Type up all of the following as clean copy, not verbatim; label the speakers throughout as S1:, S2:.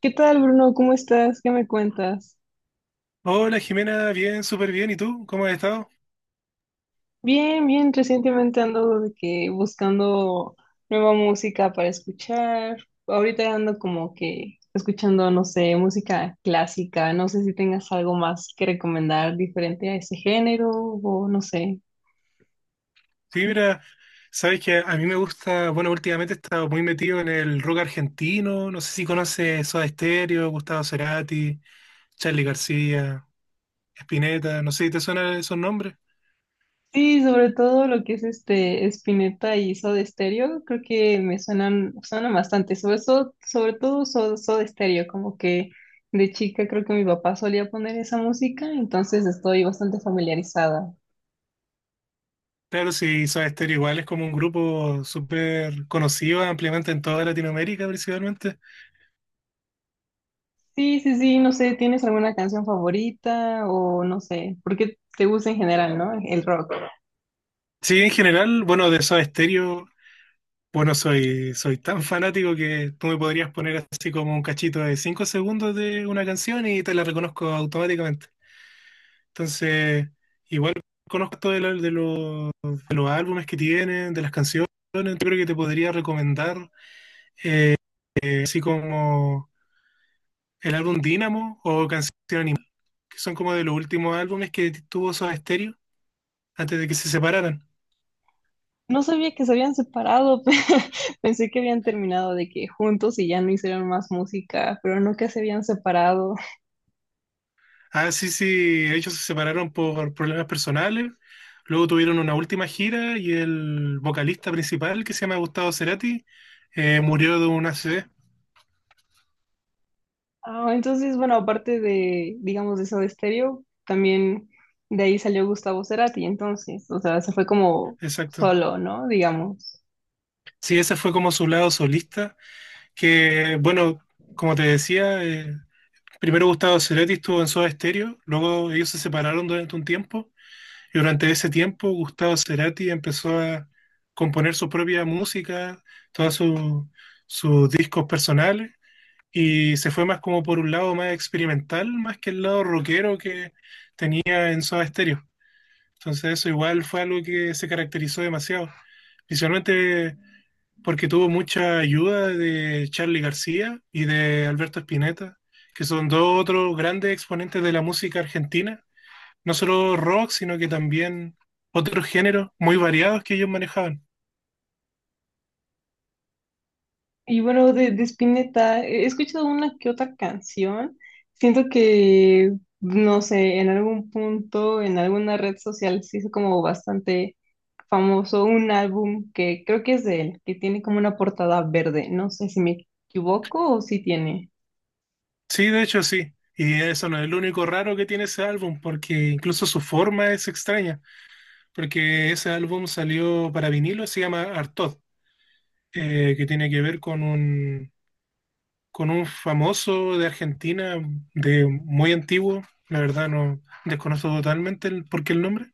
S1: ¿Qué tal, Bruno? ¿Cómo estás? ¿Qué me cuentas?
S2: Hola Jimena, bien, súper bien. ¿Y tú? ¿Cómo has estado?
S1: Bien, bien. Recientemente ando de que buscando nueva música para escuchar. Ahorita ando como que escuchando, no sé, música clásica. No sé si tengas algo más que recomendar diferente a ese género o no sé.
S2: Sí, mira, sabes que a mí me gusta, bueno, últimamente he estado muy metido en el rock argentino. No sé si conoces Soda Stereo, Gustavo Cerati, Charly García, Spinetta, no sé si te suenan esos nombres.
S1: Sí, sobre todo lo que es este Spinetta y Soda Stereo, creo que me suenan bastante, sobre todo Soda Stereo, como que de chica creo que mi papá solía poner esa música, entonces estoy bastante familiarizada.
S2: Claro, sí, Soda Stereo igual es como un grupo súper conocido ampliamente en toda Latinoamérica principalmente.
S1: Sí, sí, sí, no sé, ¿tienes alguna canción favorita o no sé, porque te gusta en general, no? El rock.
S2: Sí, en general, bueno, de Soda Stereo. Bueno, soy tan fanático que tú me podrías poner así como un cachito de 5 segundos de una canción y te la reconozco automáticamente. Entonces, igual conozco todo de los álbumes que tienen, de las canciones. Yo creo que te podría recomendar así como el álbum Dynamo o Canción Animal, que son como de los últimos álbumes que tuvo Soda Stereo antes de que se separaran.
S1: No sabía que se habían separado. Pensé que habían terminado de que juntos y ya no hicieron más música, pero no que se habían separado.
S2: Ah, sí, sí, ellos se separaron por problemas personales. Luego tuvieron una última gira y el vocalista principal, que se llama Gustavo Cerati, murió de un ACV.
S1: Ah, entonces, bueno, aparte de, digamos, de Soda Stereo, también de ahí salió Gustavo Cerati, entonces, o sea, se fue como
S2: Exacto.
S1: solo, ¿no? Digamos.
S2: Sí, ese fue como su lado solista, que, bueno, como te decía, primero Gustavo Cerati estuvo en Soda Stereo, luego ellos se separaron durante un tiempo, y durante ese tiempo Gustavo Cerati empezó a componer su propia música, todos sus discos personales. Y se fue más como por un lado más experimental, más que el lado rockero que tenía en Soda Stereo. Entonces eso igual fue algo que se caracterizó demasiado, principalmente porque tuvo mucha ayuda de Charly García y de Alberto Spinetta, que son dos otros grandes exponentes de la música argentina, no solo rock, sino que también otros géneros muy variados que ellos manejaban.
S1: Y bueno, de Spinetta, he escuchado una que otra canción. Siento que, no sé, en algún punto, en alguna red social se hizo como bastante famoso un álbum que creo que es de él, que tiene como una portada verde. No sé si me equivoco o si tiene.
S2: Sí, de hecho sí. Y eso no es lo único raro que tiene ese álbum, porque incluso su forma es extraña. Porque ese álbum salió para vinilo, se llama Artod, que tiene que ver con con un famoso de Argentina, de muy antiguo, la verdad no desconozco totalmente el, por qué el nombre,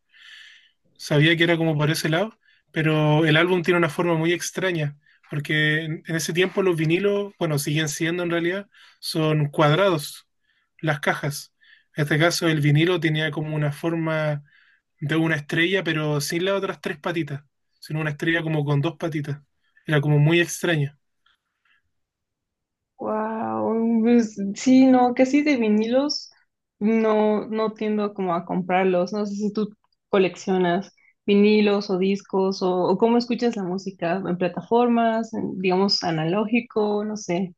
S2: sabía que era como por ese lado, pero el álbum tiene una forma muy extraña, porque en ese tiempo los vinilos, bueno, siguen siendo en realidad, son cuadrados las cajas. En este caso el vinilo tenía como una forma de una estrella, pero sin las otras tres patitas, sino una estrella como con dos patitas. Era como muy extraña.
S1: Wow, pues, sí, no, casi de vinilos no, no tiendo como a comprarlos. No sé si tú coleccionas vinilos o discos o cómo escuchas la música en plataformas, en, digamos analógico, no sé.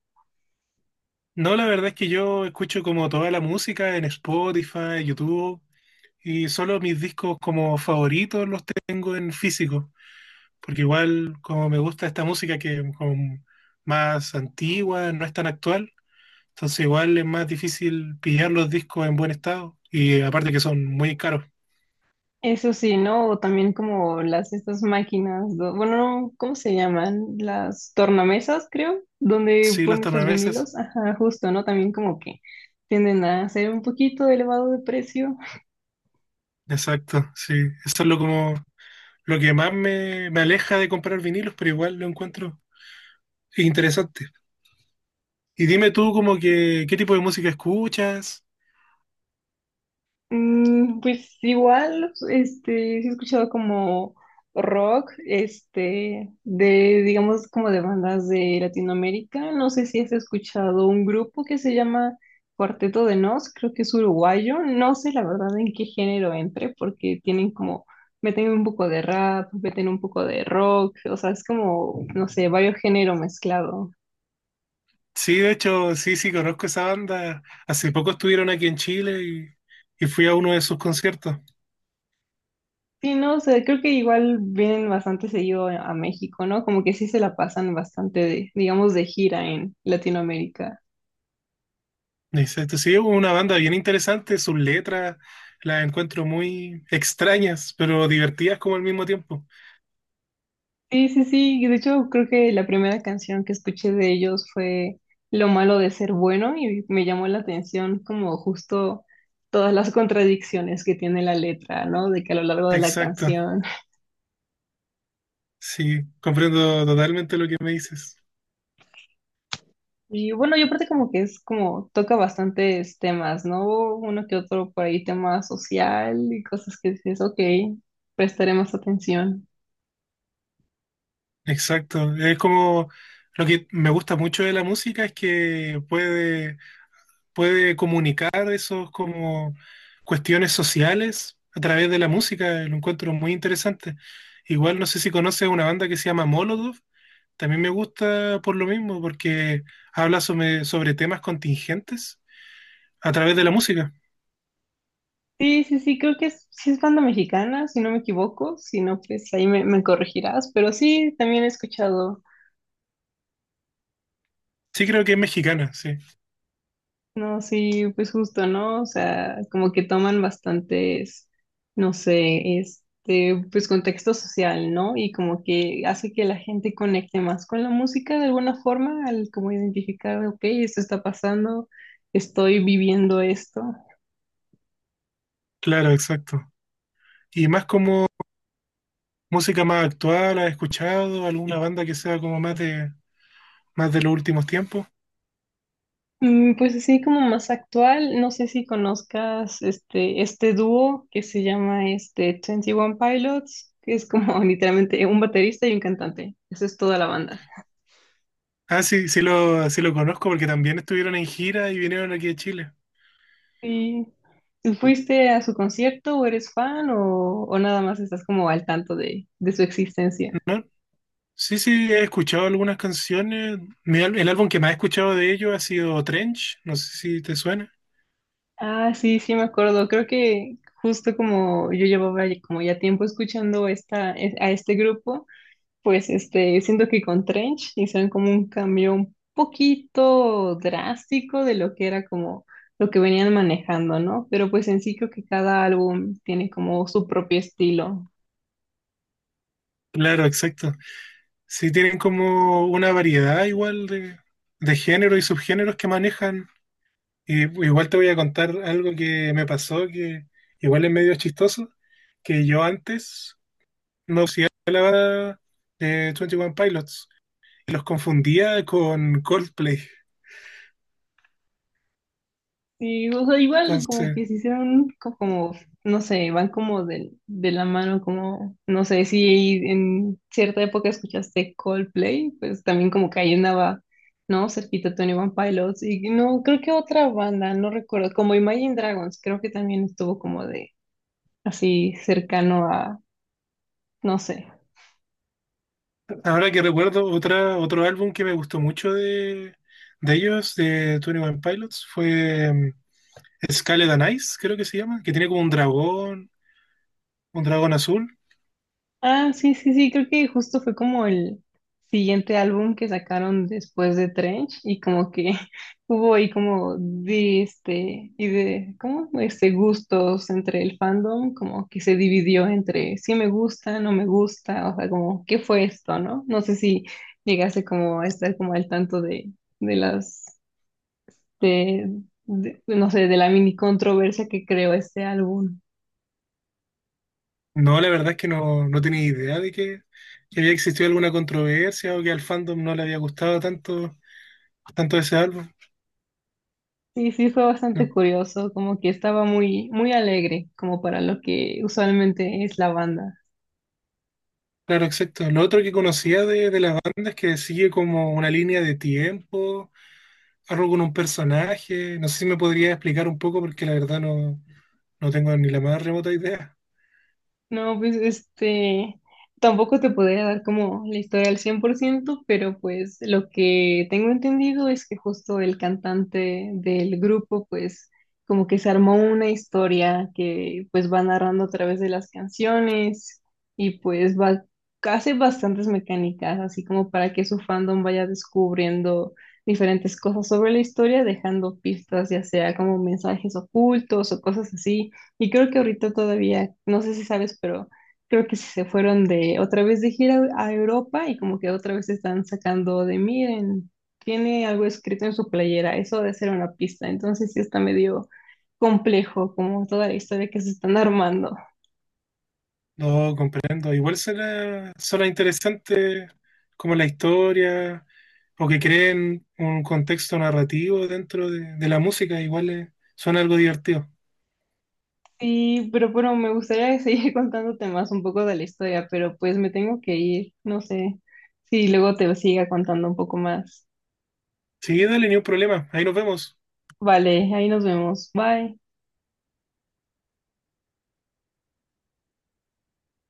S2: No, la verdad es que yo escucho como toda la música en Spotify, YouTube, y solo mis discos como favoritos los tengo en físico, porque igual como me gusta esta música que es como más antigua, no es tan actual, entonces igual es más difícil pillar los discos en buen estado, y aparte que son muy caros.
S1: Eso sí, ¿no? O también como las estas máquinas, bueno, no, ¿cómo se llaman? Las tornamesas, creo, donde
S2: Sí, los
S1: pones los
S2: tornaveses.
S1: vinilos. Ajá, justo, ¿no? También como que tienden a ser un poquito elevado de precio.
S2: Exacto, sí. Eso es lo como lo que más me aleja de comprar vinilos, pero igual lo encuentro interesante. Y dime tú como que, ¿qué tipo de música escuchas?
S1: Mm, pues igual, este, sí he escuchado como rock, este, de, digamos, como de bandas de Latinoamérica. No sé si has escuchado un grupo que se llama Cuarteto de Nos, creo que es uruguayo. No sé la verdad en qué género entre, porque tienen como, meten un poco de rap, meten un poco de rock, o sea, es como, no sé, varios géneros mezclados.
S2: Sí, de hecho, sí, sí, conozco esa banda. Hace poco estuvieron aquí en Chile y fui a uno de sus conciertos.
S1: Sí, no, o sea, creo que igual vienen bastante seguido a México, ¿no? Como que sí se la pasan bastante de, digamos, de gira en Latinoamérica.
S2: Exacto, sí, es una banda bien interesante, sus letras las encuentro muy extrañas, pero divertidas como al mismo tiempo.
S1: Sí, sí, sí. Y de hecho, creo que la primera canción que escuché de ellos fue Lo malo de ser bueno y me llamó la atención como justo todas las contradicciones que tiene la letra, ¿no? De que a lo largo de la
S2: Exacto,
S1: canción.
S2: sí, comprendo totalmente lo que me dices.
S1: Y bueno, yo aparte como que es como toca bastantes temas, ¿no? Uno que otro por ahí, tema social y cosas que dices, ok, prestaré más atención.
S2: Exacto, es como lo que me gusta mucho de la música es que puede comunicar esos como cuestiones sociales a través de la música, lo encuentro muy interesante. Igual no sé si conoces una banda que se llama Molotov, también me gusta por lo mismo, porque habla sobre temas contingentes a través de la música.
S1: Sí, sí, sí, creo que es, sí es banda mexicana, si no me equivoco, si no, pues ahí me corregirás, pero sí, también he escuchado.
S2: Sí creo que es mexicana, sí,
S1: No, sí, pues justo, ¿no? O sea, como que toman bastantes, no sé, este, pues contexto social, ¿no? Y como que hace que la gente conecte más con la música de alguna forma, al como identificar, ok, esto está pasando, estoy viviendo esto.
S2: claro, exacto. Y más como música más actual, ¿has escuchado alguna banda que sea como más de más de los últimos tiempos?
S1: Mm, pues así como más actual, no sé si conozcas este, este dúo que se llama este 21 Pilots, que es como literalmente un baterista y un cantante. Esa es toda la banda.
S2: Ah, sí, sí lo conozco porque también estuvieron en gira y vinieron aquí a Chile.
S1: Sí. ¿Tú fuiste a su concierto o eres fan o nada más estás como al tanto de su existencia?
S2: Sí, sí, he escuchado algunas canciones. El álbum que más he escuchado de ellos ha sido Trench, no sé si te suena.
S1: Ah, sí, sí me acuerdo. Creo que justo como yo llevaba como ya tiempo escuchando a este grupo, pues este, siento que con Trench hicieron como un cambio un poquito drástico de lo que era como lo que venían manejando, ¿no? Pero pues en sí creo que cada álbum tiene como su propio estilo.
S2: Claro, exacto. Sí, tienen como una variedad igual de género y subgéneros que manejan. Y igual te voy a contar algo que me pasó, que igual es medio chistoso, que yo antes no conocía la banda de 21 Pilots. Los confundía con Coldplay.
S1: Sí, o sea, igual como
S2: Entonces,
S1: que si se hicieron como, no sé, van como de la mano, como, no sé, si en cierta época escuchaste Coldplay, pues también como que ahí andaba, ¿no? Cerquita Tony One Pilots y no, creo que otra banda, no recuerdo, como Imagine Dragons, creo que también estuvo como de así cercano a, no sé.
S2: ahora que recuerdo otro álbum que me gustó mucho de ellos, de Twenty One Pilots, fue Scarlet and Ice, creo que se llama, que tiene como un dragón azul.
S1: Ah, sí, sí, sí, creo que justo fue como el siguiente álbum que sacaron después de Trench y como que hubo ahí como de este y de ¿cómo? Este gustos entre el fandom, como que se dividió entre sí me gusta, no me gusta, o sea, como ¿qué fue esto, no? No sé si llegase como a estar como al tanto de las de, no sé, de la mini controversia que creó este álbum.
S2: No, la verdad es que no, no tenía idea que había existido alguna controversia o que al fandom no le había gustado tanto, tanto ese álbum.
S1: Sí, sí, fue bastante
S2: No,
S1: curioso, como que estaba muy, muy alegre, como para lo que usualmente es la banda.
S2: claro, exacto. Lo otro que conocía de la banda es que sigue como una línea de tiempo algo con un personaje. No sé si me podría explicar un poco porque la verdad no, no tengo ni la más remota idea.
S1: No, pues este, tampoco te podría dar como la historia al 100%, pero pues lo que tengo entendido es que justo el cantante del grupo pues como que se armó una historia que pues va narrando a través de las canciones y pues va, hace bastantes mecánicas, así como para que su fandom vaya descubriendo diferentes cosas sobre la historia, dejando pistas, ya sea como mensajes ocultos o cosas así. Y creo que ahorita todavía, no sé si sabes, pero creo que se fueron de otra vez de gira a Europa y como que otra vez están sacando de miren, tiene algo escrito en su playera, eso de ser una pista. Entonces sí está medio complejo como toda la historia que se están armando.
S2: No comprendo. Igual será, será interesante como la historia o que creen un contexto narrativo dentro de la música. Igual suena algo divertido.
S1: Sí, pero bueno, me gustaría seguir contándote más un poco de la historia, pero pues me tengo que ir, no sé si luego te siga contando un poco más.
S2: Sí, dale, ni un problema. Ahí nos vemos.
S1: Vale, ahí nos vemos. Bye.